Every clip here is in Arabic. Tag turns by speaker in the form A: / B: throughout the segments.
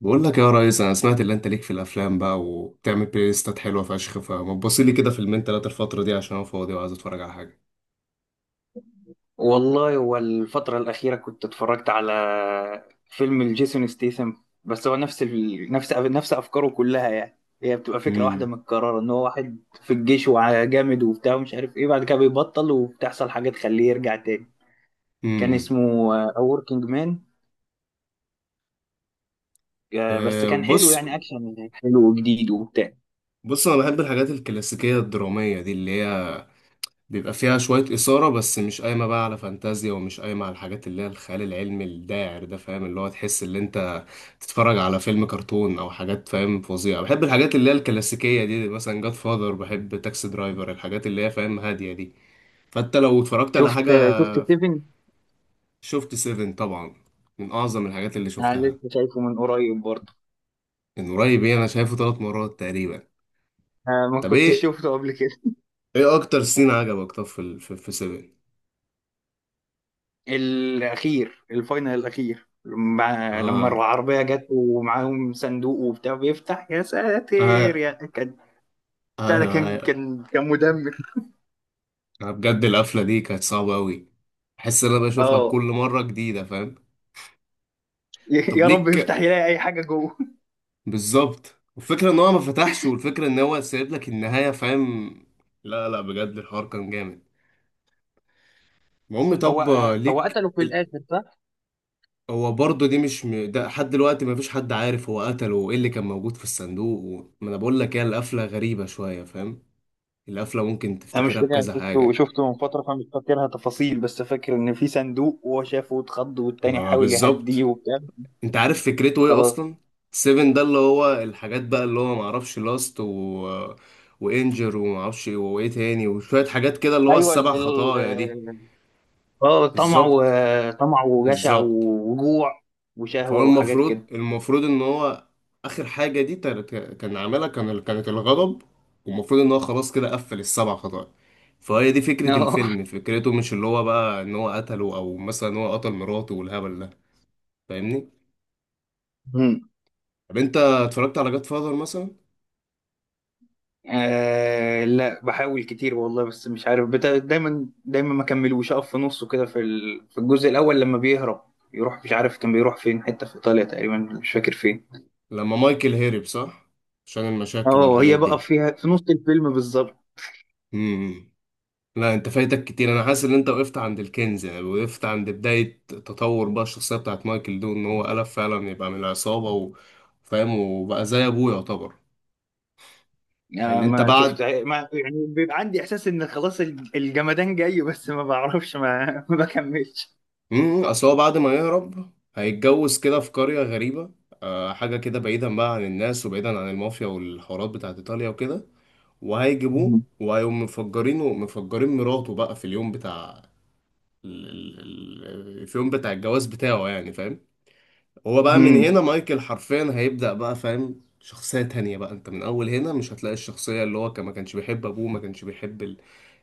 A: بقول لك يا ريس، انا سمعت اللي انت ليك في الافلام بقى وبتعمل بلاي ليستات حلوه فشخ. فما تبص لي كده فيلمين تلاته الفتره دي عشان انا فاضي وعايز اتفرج على حاجه.
B: والله هو الفترة الأخيرة كنت اتفرجت على فيلم الجيسون ستيثم. بس هو نفس ال... نفس نفس أفكاره كلها، يعني هي بتبقى فكرة واحدة
A: امم
B: متكررة إن هو واحد في الجيش وجامد وبتاع ومش عارف إيه، بعد كده بيبطل وبتحصل حاجة تخليه يرجع تاني. كان
A: امم
B: اسمه A Working Man. بس
A: أه،
B: كان حلو،
A: بص
B: يعني أكشن حلو وجديد وبتاع.
A: انا بحب الحاجات الكلاسيكيه الدراميه دي اللي هي بيبقى فيها شويه اثاره، بس مش قايمه بقى على فانتازيا ومش قايمه على الحاجات اللي هي الخيال العلمي الداعر ده، فاهم؟ اللي هو تحس ان انت تتفرج على فيلم كرتون او حاجات، فاهم، فظيعه. بحب الحاجات اللي هي الكلاسيكيه دي، مثلا جاد فاذر، بحب تاكسي درايفر، الحاجات اللي هي فاهم هاديه دي. فانت لو اتفرجت على
B: شفت
A: حاجة...
B: آه، شفت سيفن؟
A: شفت سيفن طبعا، من اعظم الحاجات اللي
B: أنا
A: شفتها.
B: لسه شايفه من قريب برضه.
A: من قريب ايه، انا شايفه ثلاث مرات تقريبا.
B: آه، ما
A: طب
B: كنتش
A: ايه،
B: شفته قبل كده.
A: ايه اكتر سين عجبك طب في سيفن؟
B: الأخير الفاينل الأخير، مع لما
A: اه
B: العربية جت ومعاهم صندوق وبتاع بيفتح، يا ساتر
A: اه،
B: يا كان. بتاع ده
A: ايوه
B: كان
A: ايوه.
B: كان كان مدمر.
A: انا بجد القفلة دي كانت صعبة قوي. احس ان انا بشوفها
B: اه.
A: كل مرة جديدة، فاهم. طب
B: يا رب
A: ليك...
B: يفتح يلاقي أي حاجة جوه.
A: بالظبط، والفكرة ان هو ما فتحش، والفكرة ان هو سايب لك النهاية، فاهم. لا لا، بجد الحوار كان جامد. المهم
B: هو
A: طب
B: هو
A: ليك...
B: قتله في الآخر، صح؟
A: هو برضه دي مش ده لحد دلوقتي مفيش حد عارف هو قتله وايه اللي كان موجود في الصندوق ما انا بقول لك هي القفله غريبه شويه، فاهم. القفله ممكن
B: أنا مش
A: تفتكرها
B: فاكر، أنا
A: بكذا
B: شفته
A: حاجه.
B: شفته من فترة فمش فاكرها تفاصيل، بس فاكر إن في صندوق وهو شافه واتخض والتاني
A: ما
B: حاول يهديه
A: بالظبط.
B: وبتاع.
A: انت عارف فكرته ايه
B: خلاص.
A: اصلا؟ سيفن ده اللي هو الحاجات بقى اللي هو معرفش لاست وانجر ومعرفش وايه تاني وشويه حاجات كده اللي هو
B: ايوه
A: السبع خطايا دي.
B: اه، طمع
A: بالظبط،
B: وطمع وجشع
A: بالظبط.
B: وجوع
A: فهو
B: وشهوة وحاجات
A: المفروض
B: كده.
A: ان هو اخر حاجه دي كان عاملها، كان كانت الغضب. والمفروض ان هو خلاص كده قفل السبع خطايا. فهي دي فكره الفيلم، فكرته مش اللي هو بقى ان هو قتله او مثلا هو قتل مراته والهبل ده، فاهمني.
B: مم.
A: طب انت اتفرجت على جاد فاذر مثلا؟
B: آه، لا، بحاول كتير والله، بس مش عارف دايما دايما ما كملوش، اقف في نصه كده في الجزء الاول لما بيهرب، يروح مش عارف كان بيروح فين، حته في ايطاليا تقريبا، مش فاكر فين.
A: لما مايكل هرب، صح؟ عشان المشاكل
B: اه، هي
A: والحاجات
B: بقى
A: دي.
B: فيها في نص الفيلم بالظبط.
A: امم امم. لا، انت فايتك كتير. انا حاسس ان انت وقفت عند الكنز يعني، وقفت عند بداية تطور بقى الشخصية بتاعت مايكل دون ان هو قلب فعلا يبقى من العصابة و-، فاهم، وبقى زي ابوه يعتبر.
B: آه،
A: يعني انت
B: ما شفت،
A: بعد...
B: ما يعني بيبقى عندي احساس ان خلاص الجمدان جاي، بس ما بعرفش ما ما بكملش.
A: امم، اصل هو بعد ما يهرب هيتجوز كده في قرية غريبة، آه حاجة كده بعيدا بقى عن الناس وبعيدا عن المافيا والحوارات بتاعت ايطاليا وكده، وهيجيبوه
B: مم.
A: وهيقوم مفجرينه، مفجرين مراته بقى في اليوم بتاع ال- ال- في اليوم بتاع الجواز بتاعه يعني، فاهم. هو بقى من هنا
B: مم.
A: مايكل حرفيا هيبدأ بقى فاهم شخصية تانية بقى، انت من اول هنا مش هتلاقي الشخصية اللي هو كان ما كانش بيحب ابوه ما كانش بيحب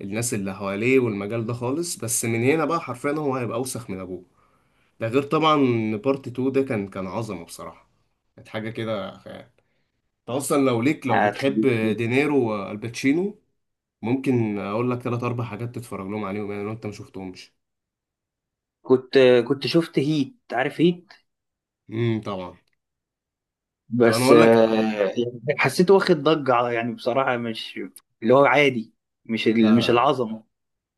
A: الناس اللي حواليه والمجال ده خالص، بس من هنا بقى حرفيا هو هيبقى اوسخ من ابوه. ده غير طبعا ان بارت 2 ده كان عظمة بصراحة. كانت حاجة كده خيال. انت اصلا لو ليك، لو بتحب
B: هتخليني-
A: دينيرو والباتشينو، ممكن اقول لك ثلاث اربع حاجات تتفرج لهم عليهم يعني لو انت ما شفتهمش.
B: كنت كنت شفت هيت، عارف هيت؟
A: طبعا. طب انا
B: بس
A: اقول لك.
B: يعني حسيته واخد ضجة يعني، بصراحة مش اللي هو عادي، مش ال-
A: لا
B: مش
A: لا،
B: العظمة.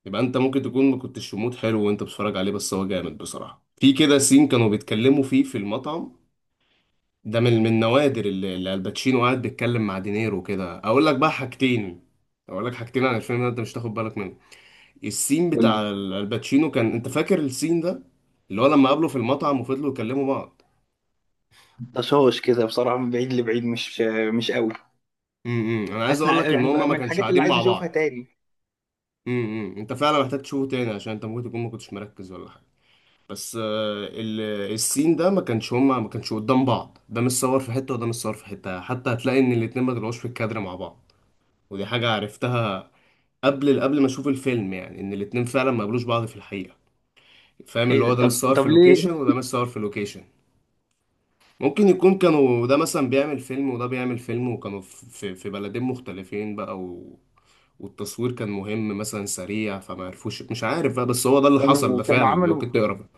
A: يبقى انت ممكن تكون ما كنتش في مود حلو وانت بتتفرج عليه، بس هو جامد بصراحة. في كده سين كانوا بيتكلموا فيه في المطعم، ده من النوادر اللي الباتشينو قاعد بيتكلم مع دينيرو كده. اقول لك بقى حاجتين، اقول لك حاجتين عن الفيلم ده انت مش تاخد بالك منه. السين بتاع الباتشينو كان، انت فاكر السين ده اللي هو لما قابله في المطعم وفضلوا يكلموا بعض؟
B: والطشاش كده بصراحة، من بعيد لبعيد، مش مش قوي.
A: امم، انا عايز
B: حاسس
A: اقول لك ان
B: يعني
A: هما ما
B: من
A: كانش
B: الحاجات اللي
A: قاعدين
B: عايز
A: مع
B: اشوفها
A: بعض.
B: تاني.
A: امم، انت فعلا محتاج تشوفه تاني عشان انت ممكن تكون ما كنتش مركز ولا حاجة. بس آه، السين ده ما كانش، هما ما كانش قدام بعض، ده مش صور في حتة وده مش صور في حتة، حتى هتلاقي ان الاتنين ما طلعوش في الكادر مع بعض. ودي حاجة عرفتها قبل ما اشوف الفيلم يعني، ان الاتنين فعلا ما قابلوش بعض في الحقيقة، فاهم،
B: ايه
A: اللي
B: ده؟
A: هو ده مش
B: طب
A: صور
B: طب
A: في
B: ليه؟
A: لوكيشن وده مش صور في لوكيشن. ممكن يكون كانوا ده مثلا بيعمل فيلم وده بيعمل فيلم، وكانوا في بلدين مختلفين بقى والتصوير كان مهم مثلا سريع، فما عرفوش، مش عارف بقى، بس هو ده اللي حصل ده
B: كانوا كانوا
A: فعلا،
B: عملوا
A: ممكن تقرا.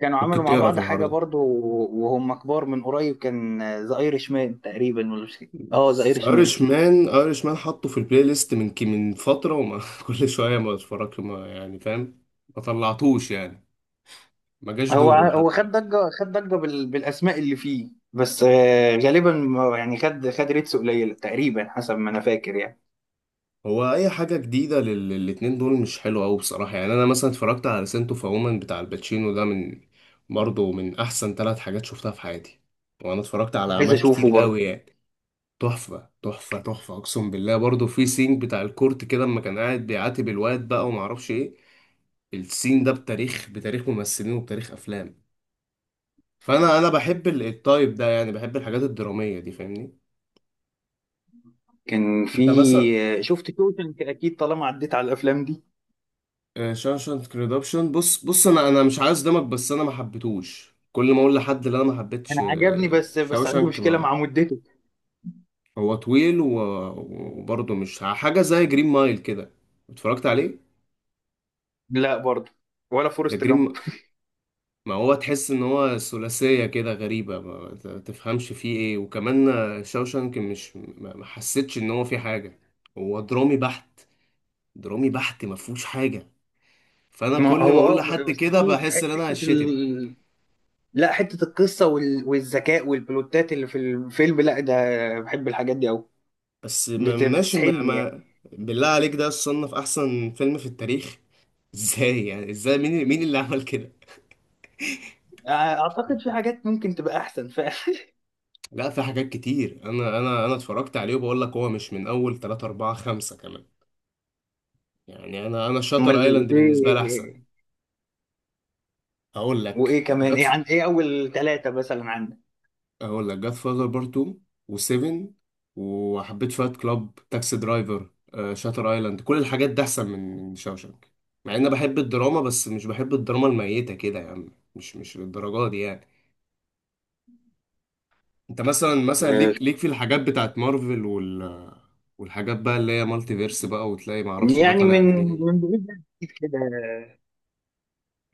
B: كانوا عملوا
A: ممكن
B: مع
A: تقرا في
B: بعض حاجة
A: العرض.
B: برضو، وهم كبار، من قريب، كان ذا ايرش مان تقريبا، ولا مش؟ اه، ذا ايرش مان.
A: ايرش مان، ايرش مان حطه في البلاي ليست من من فتره، وما كل شويه ما اتفرج، ما يعني فاهم، ما طلعتوش يعني، ما جاش
B: هو
A: دوره لحد
B: هو خد
A: دلوقتي.
B: ضجة خد ضجة بالأسماء اللي فيه، بس غالبا يعني خد ريتس قليلة تقريبا، حسب ما أنا فاكر يعني.
A: هو اي حاجه جديده للاتنين دول مش حلوه قوي بصراحه. يعني انا مثلا اتفرجت على سنتو فومن بتاع الباتشينو ده، من برضه من احسن ثلاث حاجات شفتها في حياتي، وانا اتفرجت على
B: عايز
A: اعمال كتير
B: أشوفه
A: قوي
B: برضه.
A: يعني. تحفه تحفه تحفه اقسم بالله. برضه في سينج بتاع الكورت كده اما كان قاعد بيعاتب الواد بقى، وما اعرفش ايه، السين ده بتاريخ ممثلين وبتاريخ افلام. فانا بحب التايب ده يعني، بحب الحاجات الدراميه دي فاهمني.
B: كان في
A: انت مثلا...
B: شفت شوشنك أكيد، طالما عديت على الأفلام دي.
A: شاوشانك ريدمبشن، بص انا مش عايز دمك، بس انا ما حبيتهوش. كل ما اقول لحد اللي انا ما
B: أنا
A: حبيتش
B: عجبني، بس عندي
A: شاوشانك...
B: مشكلة
A: ما
B: مع مدته.
A: هو طويل وبرضه مش حاجه زي جرين مايل كده، اتفرجت عليه؟
B: لا برضه. ولا
A: ده
B: فورست جامب.
A: جرين... ما هو تحس ان هو ثلاثية كده غريبة، ما تفهمش فيه ايه، وكمان شاوشانك مش ما حسيتش ان هو فيه حاجة، هو درامي بحت، درامي بحت ما فيهوش حاجة. فانا
B: ما
A: كل ما
B: هو
A: اقول
B: اه،
A: لحد
B: بس
A: كده
B: في
A: بحس ان انا
B: حتة
A: هشتم.
B: لا، حتة القصة والذكاء والبلوتات اللي في الفيلم، لا ده بحب الحاجات دي أوي.
A: بس ما ماشي ما,
B: بتسحلني يعني.
A: ما بالله عليك ده صنف احسن فيلم في التاريخ. ازاي يعني، ازاي، مين اللي عمل كده؟
B: اعتقد في حاجات ممكن تبقى احسن فعلا.
A: لا في حاجات كتير. انا انا اتفرجت عليه وبقول لك هو مش من اول 3 4 5 كمان يعني. انا
B: امال
A: شاتر ايلاند بالنسبة لي احسن.
B: ايه؟
A: اقول
B: وايه
A: لك
B: كمان؟
A: جاد...
B: ايه عن ايه اول ثلاثة مثلا عندك؟
A: اقول لك جاد فاذر بارت 2 و7، وحبيت فايت كلاب، تاكسي درايفر، آه، شاتر ايلاند، كل الحاجات دي احسن من شاوشانك. مع ان بحب الدراما، بس مش بحب الدراما الميتة كده يعني، مش للدرجة دي يعني. انت مثلا
B: آه،
A: ليك في الحاجات بتاعت مارفل وال والحاجات بقى اللي هي مالتي فيرس بقى، وتلاقي معرفش ده
B: يعني
A: طالع
B: من
A: منين.
B: من بعيد لأكيد كده.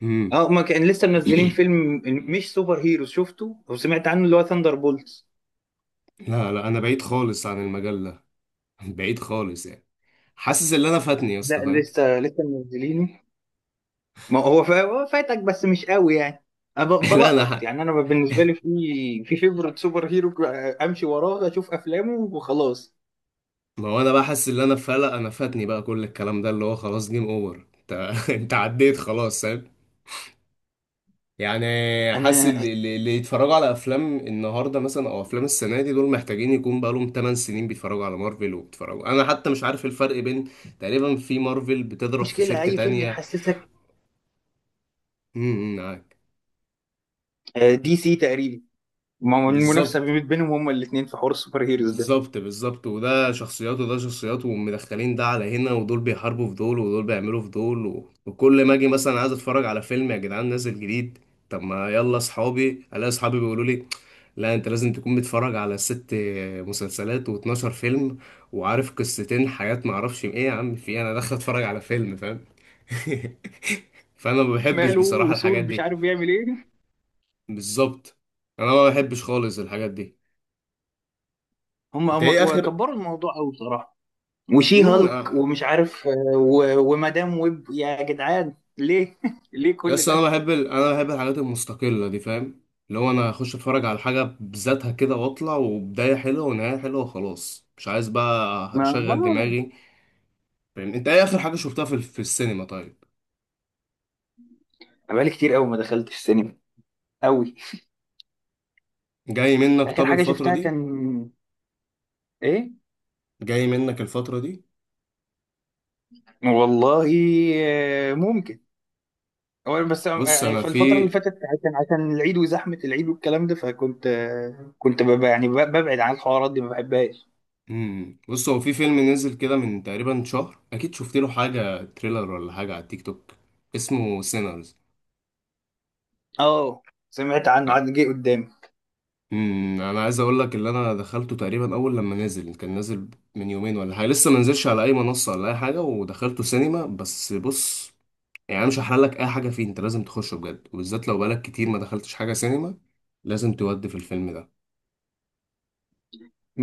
A: مم.
B: اه، ما كان لسه منزلين فيلم، مش سوبر هيروز شفته او سمعت عنه، اللي هو ثاندر بولتس.
A: لا لا، انا بعيد خالص عن المجال ده. بعيد خالص يعني. حاسس ان انا فاتني يا
B: لا،
A: اسطى، فاهم.
B: لسه منزلينه. ما هو هو فاتك بس مش قوي يعني. انا
A: لا
B: بلقط
A: انا...
B: يعني، انا بالنسبه لي في في فيفرت سوبر هيرو امشي وراه اشوف افلامه وخلاص.
A: ما هو انا بقى حاسس ان انا فلق، انا فاتني بقى كل الكلام ده، اللي هو خلاص جيم اوفر انت. انت عديت خلاص، فاهم يعني. حاسس
B: انا
A: اللي يتفرجوا على افلام النهارده مثلا او افلام السنه دي، دول محتاجين يكون بقى لهم 8 سنين. بيتفرجوا على مارفل وبيتفرجوا، انا حتى مش عارف الفرق بين تقريبا في مارفل بتضرب في
B: مشكله
A: شركه
B: اي فيلم
A: تانية.
B: يحسسك
A: امم، معاك.
B: دي سي تقريبا، المنافسه
A: بالظبط،
B: بينهم هما الاثنين في حوار السوبر هيروز ده.
A: بالظبط، بالظبط. وده شخصيات وده شخصيات، ومدخلين ده على هنا، ودول بيحاربوا في دول ودول بيعملوا في دول و... وكل ما اجي مثلا عايز اتفرج على فيلم يا جدعان نازل جديد، طب ما يلا اصحابي، الاقي اصحابي بيقولوا لي لا انت لازم تكون متفرج على ست مسلسلات و12 فيلم وعارف قصتين حاجات، ما اعرفش ايه يا عم في إيه؟ انا داخل اتفرج على فيلم فاهم. فانا ما بحبش
B: ماله
A: بصراحة
B: وثور
A: الحاجات
B: مش
A: دي.
B: عارف بيعمل ايه؟
A: بالظبط. انا ما بحبش خالص الحاجات دي.
B: هم
A: انت
B: هم
A: ايه اخر...
B: كبروا الموضوع قوي بصراحه. وشي هالك
A: آه.
B: ومش عارف ومدام ويب، يا جدعان ليه؟ ليه كل
A: بس انا
B: ده؟
A: بحب انا بحب الحاجات المستقله دي، فاهم، اللي هو انا اخش اتفرج على حاجه بذاتها كده واطلع، وبدايه حلوه ونهايه حلوه وخلاص، مش عايز بقى
B: ما
A: اشغل دماغي، فاهم. انت ايه اخر حاجه شفتها في السينما طيب؟
B: أنا بقالي كتير قوي ما دخلتش السينما، قوي.
A: جاي منك،
B: اخر
A: طب
B: حاجه
A: الفتره
B: شفتها
A: دي.
B: كان ايه؟
A: جاي منك الفتره دي.
B: والله ممكن، هو بس
A: بص
B: يعني
A: انا
B: في الفترة
A: في...
B: اللي فاتت عشان العيد وزحمة العيد والكلام ده، فكنت آه، كنت ببقى يعني ببعد عن الحوارات دي، ما بحبهاش.
A: مم. بص هو في فيلم نزل كده من تقريبا شهر اكيد، شفت له حاجه تريلر ولا حاجه على التيك توك، اسمه سينرز.
B: اه، سمعت عنه، عاد جه قدامي.
A: امم، انا عايز اقول لك اللي انا دخلته تقريبا اول لما نزل، كان نازل من يومين ولا حاجه، لسه ما نزلش على اي منصه ولا اي حاجه، ودخلته سينما، بس بص. يعني انا مش هحرق لك اي حاجه فيه، انت لازم تخشه بجد، وبالذات لو بقالك كتير ما دخلتش حاجه سينما، لازم تودي في الفيلم ده.